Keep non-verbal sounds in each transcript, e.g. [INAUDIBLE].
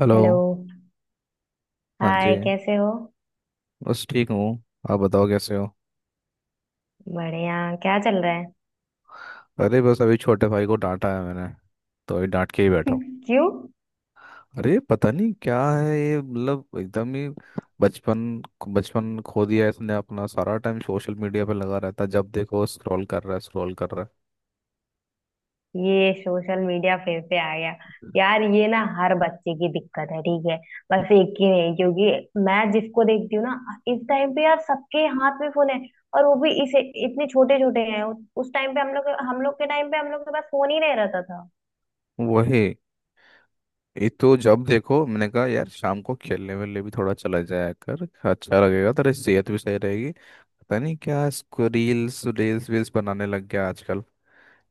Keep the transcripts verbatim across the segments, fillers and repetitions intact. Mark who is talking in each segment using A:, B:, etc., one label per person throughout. A: Hello.
B: Hello.
A: हाँ जी।
B: Hi, कैसे हो?
A: बस ठीक हूँ। आप बताओ कैसे हो।
B: बढ़िया। क्या चल रहा है?
A: अरे बस अभी छोटे भाई को डांटा है मैंने, तो अभी डांट के ही बैठा हूँ।
B: [LAUGHS] क्यों?
A: अरे पता नहीं क्या है ये, मतलब एकदम ही बचपन बचपन खो दिया है इसने, अपना सारा टाइम सोशल मीडिया पे लगा रहता है। जब देखो स्क्रॉल कर रहा है, स्क्रॉल कर रहा
B: ये सोशल मीडिया फिर से आ गया। यार, ये ना हर बच्चे की दिक्कत है, ठीक है? बस एक की नहीं, क्योंकि मैं जिसको देखती हूँ ना, इस टाइम पे यार सबके हाथ में फोन है। और वो भी इसे इतने छोटे छोटे हैं। उस टाइम पे हम लोग हम लोग के टाइम पे हम लोग के पास फोन ही नहीं रहता था।
A: है। वही। ये तो जब देखो, मैंने कहा यार शाम को खेलने वेलने भी थोड़ा चला जाया कर, अच्छा लगेगा, तेरी सेहत भी सही रहेगी। पता नहीं क्या इसको रील्स रील्स वील्स बनाने लग गया आजकल।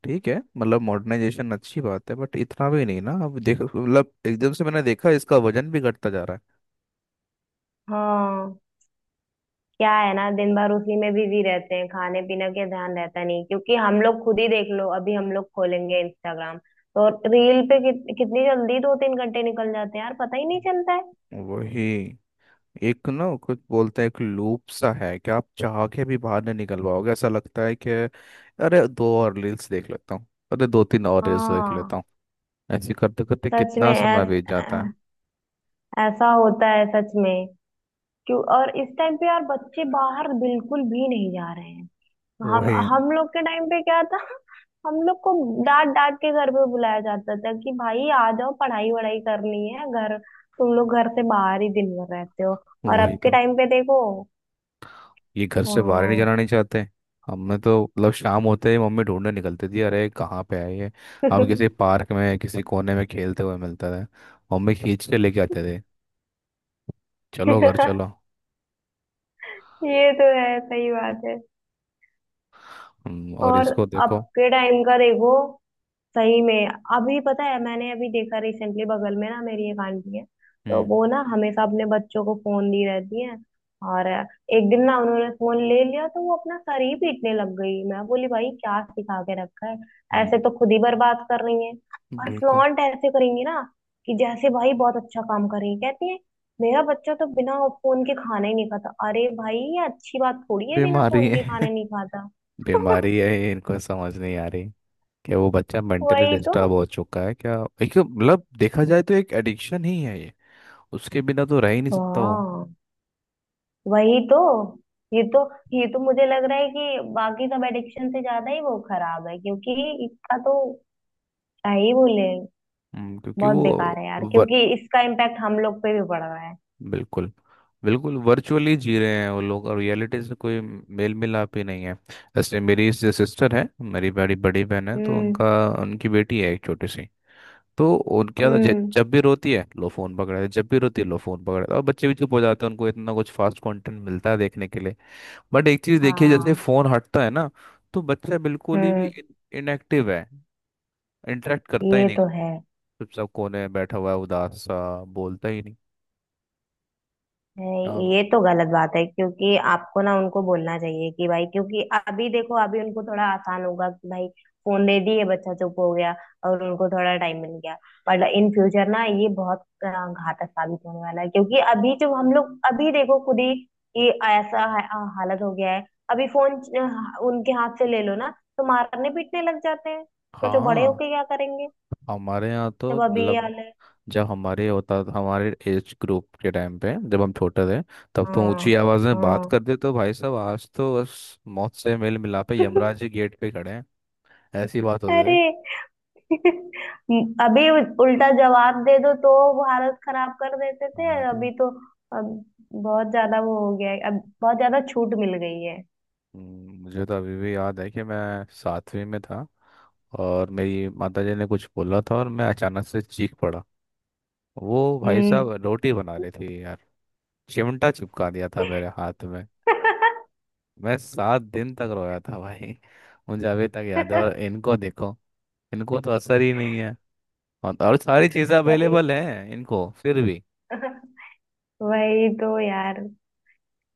A: ठीक है, मतलब मॉडर्नाइजेशन अच्छी बात है बट इतना भी नहीं ना। अब देखो, मतलब एकदम से मैंने देखा इसका वजन भी घटता जा रहा
B: हाँ। क्या है ना, दिन भर उसी में बिजी रहते हैं, खाने पीने के ध्यान रहता नहीं क्योंकि हम लोग खुद ही देख लो, अभी हम लोग खोलेंगे इंस्टाग्राम तो रील पे कित, कितनी जल्दी दो तीन घंटे निकल जाते हैं यार, पता ही नहीं चलता है।
A: है। वही। एक, ना कुछ बोलते हैं एक लूप सा है कि आप चाह के भी बाहर नहीं निकल पाओगे, ऐसा लगता है कि अरे दो और रील्स देख लेता हूँ, अरे दो तीन और रील्स देख
B: हाँ।
A: लेता हूँ। ऐसे करते करते
B: सच
A: कितना
B: में
A: समय
B: ऐस,
A: बीत जाता है।
B: ऐ- ऐसा होता है सच में। क्यों? और इस टाइम पे यार बच्चे बाहर बिल्कुल भी नहीं जा रहे हैं। हम
A: वही।
B: हम लोग के टाइम पे क्या था? हम लोग को डांट डांट के घर पे बुलाया जाता था कि भाई आ जाओ, पढ़ाई वढ़ाई करनी है, घर तुम लोग घर से बाहर ही दिन भर रहते हो। और
A: वही
B: अब के
A: तो,
B: टाइम पे देखो।
A: ये घर से बाहर ही नहीं
B: हाँ।
A: जाना नहीं चाहते। हमने तो मतलब शाम होते ही मम्मी ढूंढने निकलती थी, अरे कहाँ पे है ये। हम किसी
B: [LAUGHS]
A: पार्क में किसी कोने में खेलते हुए मिलता था। मम्मी खींच के लेके आते थे, चलो घर चलो।
B: ये तो है, सही बात है।
A: हम्म, और
B: और
A: इसको
B: अब
A: देखो।
B: के टाइम का देखो, सही में। अभी पता है, मैंने अभी देखा रिसेंटली, बगल में ना मेरी एक आंटी है। तो
A: हम्म
B: वो ना हमेशा अपने बच्चों को फोन दी रहती है। और एक दिन ना उन्होंने फोन ले लिया तो वो अपना सर ही पीटने लग गई। मैं बोली, भाई क्या सिखा के रखा है? ऐसे
A: हम्म।
B: तो खुद ही बर्बाद कर रही है। और
A: बिल्कुल।
B: फ्लॉन्ट ऐसे करेंगी ना कि जैसे भाई बहुत अच्छा काम कर रही है। कहती है, मेरा बच्चा तो बिना फोन के खाना ही नहीं खाता। अरे भाई, ये अच्छी बात थोड़ी है, बिना
A: बीमारी
B: फोन के
A: है।
B: खाना नहीं खाता।
A: [LAUGHS]
B: [LAUGHS]
A: बीमारी है, ये इनको समझ नहीं आ रही। क्या वो बच्चा मेंटली
B: वही तो।
A: डिस्टर्ब हो चुका है क्या। एक, मतलब देखा जाए तो एक एडिक्शन ही है ये। उसके बिना तो रह ही नहीं सकता वो।
B: हाँ, वही तो। ये तो ये तो मुझे लग रहा है कि बाकी सब एडिक्शन से ज्यादा ही वो खराब है क्योंकि इसका तो, क्या ही बोले,
A: हम्म, क्योंकि
B: बहुत बेकार
A: वो
B: है यार, क्योंकि इसका इम्पैक्ट हम लोग पे भी पड़ रहा है।
A: बिल्कुल, बिल्कुल वर्चुअली जी रहे हैं वो लोग, और रियलिटी से कोई मेल मिलाप ही नहीं है। जैसे मेरी सिस्टर है, मेरी बड़ी बड़ी बहन है, तो
B: हम्म।
A: उनका, उनकी बेटी है एक छोटी सी। तो उनके यहाँ तो ज-
B: हम्म।
A: जब भी रोती है लो फोन पकड़ा है, जब भी रोती है लो फोन पकड़ा है, और बच्चे भी चुप हो जाते हैं। उनको इतना कुछ फास्ट कंटेंट मिलता है देखने के लिए। बट एक चीज देखिए, जैसे
B: हाँ।
A: फोन हटता है ना, तो बच्चा बिल्कुल ही
B: हम्म।
A: भी इनएक्टिव है, इंटरेक्ट करता ही
B: ये
A: नहीं।
B: तो है।
A: चुपचाप कोने में बैठा हुआ है, उदास सा, बोलता ही नहीं।
B: नहीं,
A: अब।
B: ये तो गलत बात है क्योंकि आपको ना उनको बोलना चाहिए कि भाई, क्योंकि अभी देखो अभी उनको थोड़ा आसान होगा कि भाई फोन दे दिए, बच्चा चुप हो गया और उनको थोड़ा टाइम मिल गया। पर इन फ्यूचर ना ये बहुत अ, घातक साबित होने वाला है क्योंकि अभी जो हम लोग, अभी देखो खुद ही कि ऐसा हा- अ, हालत हो गया है। अभी फोन अ, उनके हाथ से ले लो ना तो मारने पीटने लग जाते हैं, सोचो बड़े
A: हाँ।
B: होके क्या करेंगे
A: हमारे यहाँ तो
B: जब अभी ये
A: मतलब
B: हाल है।
A: जब हमारे होता, हमारे एज ग्रुप के टाइम पे जब हम छोटे थे, तब तो
B: हाँ।
A: ऊंची आवाज में बात
B: हाँ।
A: करते तो भाई साहब आज तो बस मौत से मेल मिलापे, यमराज जी
B: [LAUGHS]
A: गेट पे खड़े हैं। ऐसी बात होती थी।
B: अरे! [LAUGHS] अभी उल्टा जवाब दे दो तो भारत खराब कर देते थे
A: हाँ ये तो।
B: अभी तो। अब बहुत ज्यादा वो हो गया है, अब बहुत ज्यादा छूट मिल गई है।
A: हम्म, मुझे तो अभी भी याद है कि मैं सातवीं में था, और मेरी माताजी ने कुछ बोला था और मैं अचानक से चीख पड़ा। वो भाई
B: हम्म।
A: साहब रोटी बना रही थी यार, चिमटा चिपका दिया था मेरे हाथ में।
B: [LAUGHS]
A: मैं सात दिन तक रोया था भाई। मुझे अभी तक याद है। और इनको देखो, इनको तो असर ही नहीं है। और और सारी चीज़ें
B: वही
A: अवेलेबल हैं इनको फिर भी।
B: वही तो यार,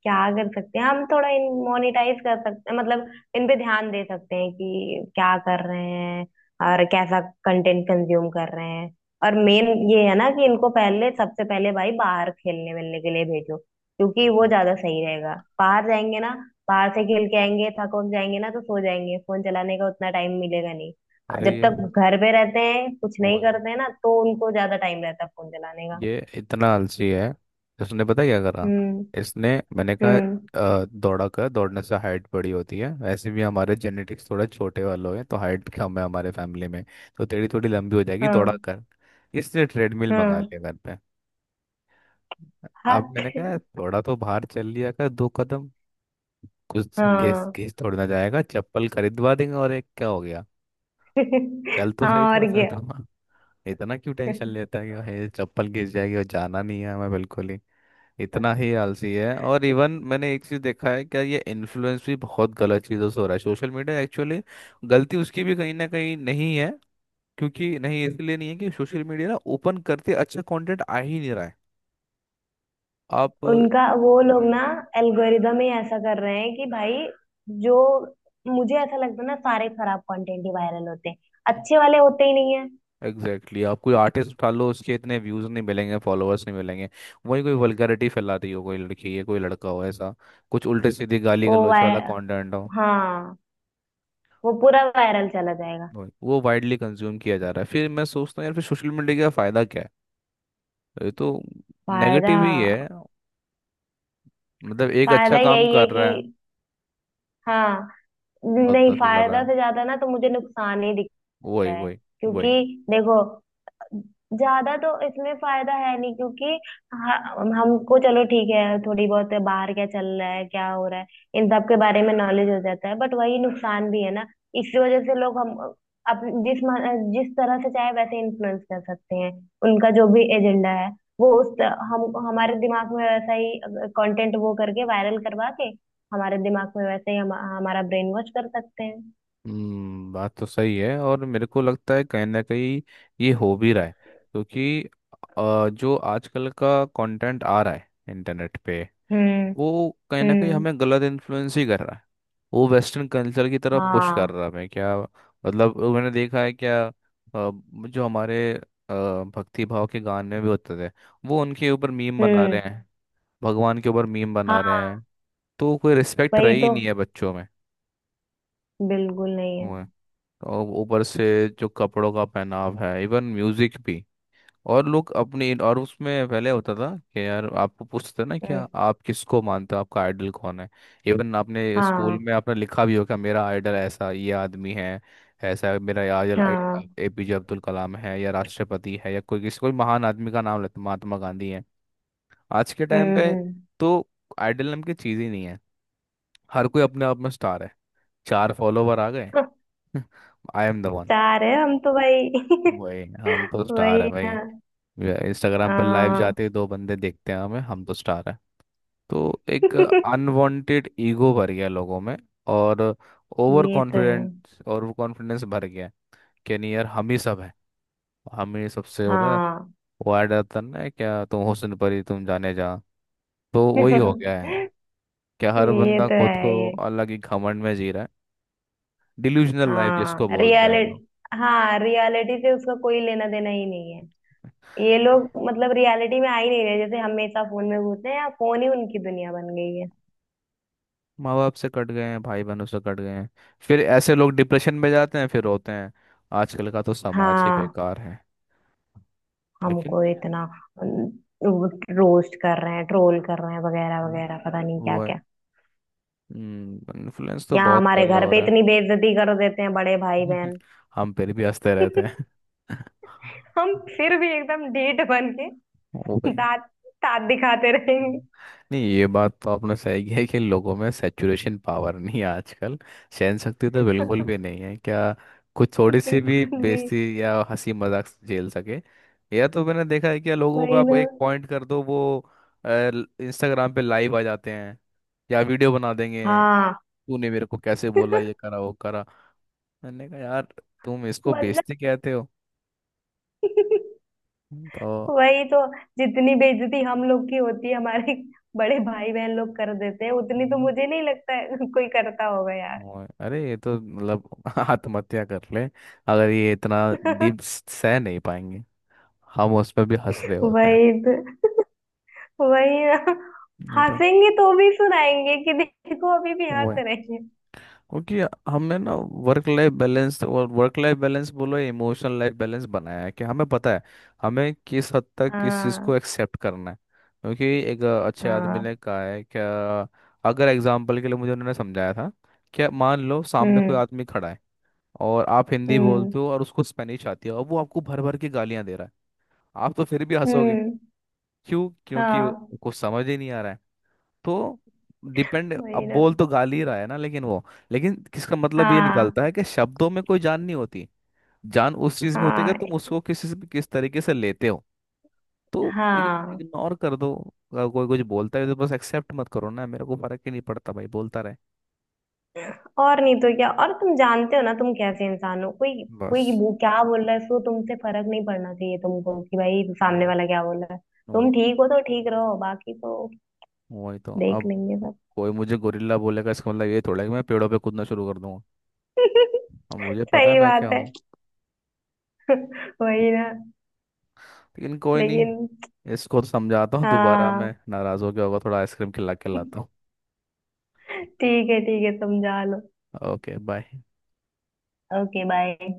B: क्या कर सकते हैं, हम थोड़ा इन मोनिटाइज कर सकते हैं, मतलब इन पे ध्यान दे सकते हैं कि क्या कर रहे हैं और कैसा कंटेंट कंज्यूम कर रहे हैं। और मेन ये है ना कि इनको पहले, सबसे पहले भाई बाहर खेलने मिलने के लिए भेजो क्योंकि वो ज्यादा सही रहेगा। बाहर जाएंगे ना, बाहर से खेल के आएंगे, थक वक जाएंगे ना तो सो जाएंगे, फोन चलाने का उतना टाइम मिलेगा नहीं।
A: अरे
B: जब
A: ये,
B: तक घर पे रहते हैं कुछ
A: वो
B: नहीं
A: है,
B: करते हैं ना, तो उनको ज्यादा टाइम रहता है फोन चलाने का।
A: ये इतना आलसी है। इसने पता क्या करा।
B: हम्म।
A: इसने, मैंने कहा
B: हम्म।
A: अ, दौड़ा कर, दौड़ने से हाइट बड़ी होती है। वैसे भी हमारे जेनेटिक्स थोड़े छोटे वालों हैं, तो हाइट कम है हमारे फैमिली में। तो तेरी थोड़ी लंबी हो जाएगी दौड़ा
B: हाँ।
A: कर। इसने ट्रेडमिल मंगा
B: हाँ।
A: लिया घर पे।
B: हाँ।
A: अब मैंने कहा थोड़ा तो बाहर चल लिया कर, दो कदम। कुछ घेस
B: हाँ।
A: घेस थोड़ी ना जाएगा, चप्पल खरीदवा देंगे और एक, क्या हो गया। चल
B: [LAUGHS]
A: तो
B: हाँ,
A: सही थोड़ा
B: और
A: सा
B: क्या।
A: था। इतना क्यों टेंशन लेता है कि भाई चप्पल गिर जाएगी और जाना नहीं है हमें बिल्कुल ही। इतना ही आलसी है। और इवन मैंने एक चीज देखा है क्या, ये इन्फ्लुएंस भी बहुत गलत चीजों से हो रहा है सोशल मीडिया एक्चुअली। गलती उसकी भी कहीं ना कहीं नहीं है, क्योंकि नहीं इसलिए नहीं है कि सोशल मीडिया ना ओपन करते अच्छा कंटेंट आ ही नहीं रहा है। आप।
B: उनका, वो लोग ना
A: हम्म।
B: एल्गोरिदम ही ऐसा कर रहे हैं कि भाई, जो, मुझे ऐसा लगता है ना सारे खराब कंटेंट ही वायरल होते हैं, अच्छे वाले होते ही नहीं है।
A: Exactly exactly. आप कोई आर्टिस्ट उठा लो उसके इतने व्यूज नहीं मिलेंगे, फॉलोअर्स नहीं मिलेंगे। वही कोई वल्गैरिटी फैलाती हो कोई लड़की या कोई लड़का हो, ऐसा कुछ उल्टे सीधे गाली
B: वो
A: गलौच
B: वाय
A: वाला कंटेंट हो,
B: हाँ, वो पूरा वायरल चला जाएगा।
A: वही- वो वाइडली कंज्यूम किया जा रहा है। फिर मैं सोचता हूँ यार फिर सोशल मीडिया का फायदा क्या है। तो ये तो
B: फायदा?
A: नेगेटिव ही है। मतलब एक अच्छा
B: फायदा
A: काम
B: यही है
A: कर
B: कि,
A: रहा है,
B: हाँ,
A: बस
B: नहीं,
A: दस में कर रहा
B: फायदा
A: है।
B: से ज्यादा ना तो मुझे नुकसान ही दिखता
A: वही
B: है
A: वही वही।
B: क्योंकि देखो, ज्यादा तो इसमें फायदा है नहीं क्योंकि ह- हमको चलो ठीक है, थोड़ी बहुत बाहर क्या चल रहा है क्या हो रहा है इन सब के बारे में नॉलेज हो जाता है, बट वही नुकसान भी है ना, इसी वजह से लोग हम, अप, जिस म- जिस तरह से चाहे वैसे इन्फ्लुएंस कर सकते हैं, उनका जो भी एजेंडा है, वो उस त- हम हमारे दिमाग में वैसा ही कंटेंट वो करके, वायरल करवा के, हमारे दिमाग में वैसे ही हम, हमारा ब्रेन वॉश कर सकते हैं।
A: हम्म, बात तो सही है। और मेरे को लगता है कहीं ना कहीं ये हो भी रहा है, क्योंकि अ, जो आजकल का कंटेंट आ रहा है इंटरनेट पे,
B: हम्म।
A: वो कहीं ना कहीं
B: हम्म।
A: हमें गलत इन्फ्लुएंस ही कर रहा है। वो वेस्टर्न कल्चर की तरफ पुश
B: हाँ।
A: कर रहा है हमें क्या, मतलब मैंने देखा है क्या, अ, जो हमारे अ, भक्ति भाव के गाने भी होते थे, वो उनके ऊपर मीम बना रहे
B: हम्म।
A: हैं, भगवान के ऊपर मीम बना रहे
B: हाँ,
A: हैं। तो कोई रिस्पेक्ट
B: वही
A: रही ही
B: तो,
A: नहीं है बच्चों
B: बिल्कुल नहीं है।
A: में। और ऊपर से जो कपड़ों का पहनाव है, इवन म्यूजिक भी। और लोग अपनी, और उसमें पहले होता था कि यार आपको पूछते ना क्या
B: हम्म।
A: आप किसको मानते हो, आपका आइडल कौन है। इवन आपने स्कूल
B: हाँ।
A: में आपने लिखा भी होगा मेरा आइडल ऐसा ये आदमी है, ऐसा है, मेरा आइडल
B: हाँ।
A: एपीजे अब्दुल कलाम है, या राष्ट्रपति है, या कोई, किसी कोई महान आदमी का नाम लेते, महात्मा गांधी है। आज के टाइम
B: हम्म।
A: पे
B: हम्म।
A: तो आइडल नाम की चीज ही नहीं है। हर कोई अपने आप में स्टार है। चार फॉलोवर आ गए।
B: [LAUGHS]
A: [LAUGHS] आई एम द वन।
B: चार है हम तो भाई!
A: वही,
B: [LAUGHS]
A: हम तो स्टार है
B: वही
A: भाई।
B: ना।
A: इंस्टाग्राम पर लाइव
B: हाँ।
A: जाते ही दो बंदे देखते हैं हमें, हम तो स्टार है। तो
B: [LAUGHS]
A: एक
B: ये
A: अनवांटेड ईगो भर गया लोगों में, और ओवर
B: तो है।
A: कॉन्फिडेंस, और कॉन्फिडेंस भर गया कि नहीं यार हम ही सब हैं, हम ही सबसे होता है।
B: हाँ।
A: वो ऐड आता है ना, क्या तुम हुस्न परी तुम जाने जा, तो
B: [LAUGHS]
A: वही हो गया है
B: ये
A: क्या,
B: तो
A: हर बंदा खुद
B: है
A: को
B: ये।
A: अलग ही घमंड में जी रहा है। डिल्यूजनल लाइफ
B: हाँ,
A: जिसको बोलते हैं हम लोग।
B: रियलिटी। हाँ, रियलिटी से उसका कोई लेना देना ही नहीं है। ये लोग मतलब रियलिटी में आ ही नहीं रहे, जैसे हमेशा फोन में घुसते हैं या फोन ही उनकी दुनिया बन गई है।
A: माँ बाप से कट गए हैं, भाई बहनों से कट गए हैं। फिर ऐसे लोग डिप्रेशन में जाते हैं, फिर रोते हैं आजकल का तो समाज ही
B: हाँ।
A: बेकार है। लेकिन।
B: हमको इतना रोस्ट कर रहे हैं, ट्रोल कर रहे हैं, वगैरह
A: हम्म,
B: वगैरह, पता नहीं क्या
A: वो
B: क्या।
A: इन्फ्लुएंस तो
B: यहाँ
A: बहुत
B: हमारे
A: गलत
B: घर
A: हो
B: पे
A: रहा
B: इतनी बेइज्जती कर देते हैं बड़े भाई
A: है।
B: बहन।
A: [LAUGHS] हम फिर भी हंसते रहते हैं।
B: [LAUGHS] हम
A: [LAUGHS]
B: फिर भी एकदम ढीठ बन के
A: वो भाई।
B: दांत दांत दिखाते रहेंगे।
A: हम्म। नहीं ये बात तो आपने सही की है कि लोगों में सैचुरेशन पावर नहीं है आजकल, सहन शक्ति तो बिल्कुल भी
B: [LAUGHS]
A: नहीं है क्या। कुछ थोड़ी सी भी
B: बिल्कुल भी।
A: बेइज्जती या हंसी मजाक झेल सके। या तो मैंने देखा है कि लोगों पे
B: वही
A: आप
B: ना।
A: एक पॉइंट कर दो वो इंस्टाग्राम पे लाइव आ जाते हैं, या वीडियो बना देंगे,
B: हाँ।
A: तूने मेरे को कैसे बोला
B: [LAUGHS]
A: ये करा वो करा। मैंने कहा यार तुम इसको
B: मतलब,
A: बेइज्जती कहते हो। तो।
B: वही तो, जितनी बेइज्जती हम लोग की होती है, हमारे बड़े भाई बहन लोग कर देते हैं, उतनी तो
A: हम्म।
B: मुझे नहीं लगता है कोई करता होगा यार।
A: और- अरे ये तो मतलब [LAUGHS] आत्महत्या कर ले अगर ये इतना डीप
B: [LAUGHS]
A: सह नहीं पाएंगे। हम उसमें भी हंस रहे होते हैं।
B: वही तो। वही ना।
A: नहीं तो।
B: हंसेंगे तो भी सुनाएंगे कि देखो अभी भी
A: वो
B: हंस
A: है
B: रहे हैं।
A: क्योंकि हमने ना वर्क लाइफ बैलेंस, और वर्क लाइफ बैलेंस बोलो इमोशनल लाइफ बैलेंस बनाया है कि हमें पता है हमें किस हद तक किस चीज़
B: हाँ।
A: को एक्सेप्ट करना है। क्योंकि एक अच्छे आदमी ने
B: हाँ।
A: कहा है कि, अगर एग्जाम्पल के लिए मुझे उन्होंने समझाया था कि मान लो सामने कोई
B: हम्म।
A: आदमी खड़ा है, और आप हिंदी
B: हम्म।
A: बोलते हो और उसको स्पेनिश आती है, और वो आपको भर भर के गालियां दे रहा है, आप तो फिर भी हंसोगे।
B: हम्म।
A: क्यों, क्योंकि
B: हाँ।
A: कुछ समझ ही नहीं आ रहा है। तो डिपेंड, अब
B: वही ना।
A: बोल तो गाली ही रहा है ना, लेकिन वो, लेकिन किसका मतलब ये
B: हाँ।
A: निकलता है कि शब्दों में कोई जान नहीं होती। जान उस चीज में होती है कि
B: हाँ।
A: तुम उसको किस किस तरीके से लेते हो। तो
B: हाँ।
A: इग्नोर कर दो, अगर कोई कुछ बोलता है तो बस एक्सेप्ट मत करो ना, मेरे को फर्क ही नहीं पड़ता भाई बोलता रहे।
B: और नहीं तो क्या, और तुम जानते हो ना तुम कैसे इंसान हो। कोई
A: बस।
B: कोई वो क्या बोल रहा है, सो तुमसे फर्क नहीं पड़ना चाहिए तुमको कि भाई सामने
A: वही
B: वाला क्या बोल रहा है।
A: वही।
B: तुम ठीक हो तो ठीक रहो, बाकी तो
A: वही तो
B: देख
A: अब
B: लेंगे सब।
A: कोई मुझे गोरिल्ला बोलेगा इसका मतलब ये थोड़ा है कि मैं पेड़ों पे कूदना शुरू कर दूंगा।
B: [LAUGHS]
A: अब मुझे पता है
B: सही
A: मैं क्या
B: बात है।
A: हूँ।
B: [LAUGHS] वही ना।
A: लेकिन कोई नहीं,
B: लेकिन,
A: इसको तो समझाता हूँ दोबारा।
B: हाँ।
A: मैं नाराज हो गया होगा थोड़ा, आइसक्रीम खिला के लाता
B: [LAUGHS] ठीक है, ठीक है, समझा लो।
A: हूँ। Okay bye.
B: Okay, bye.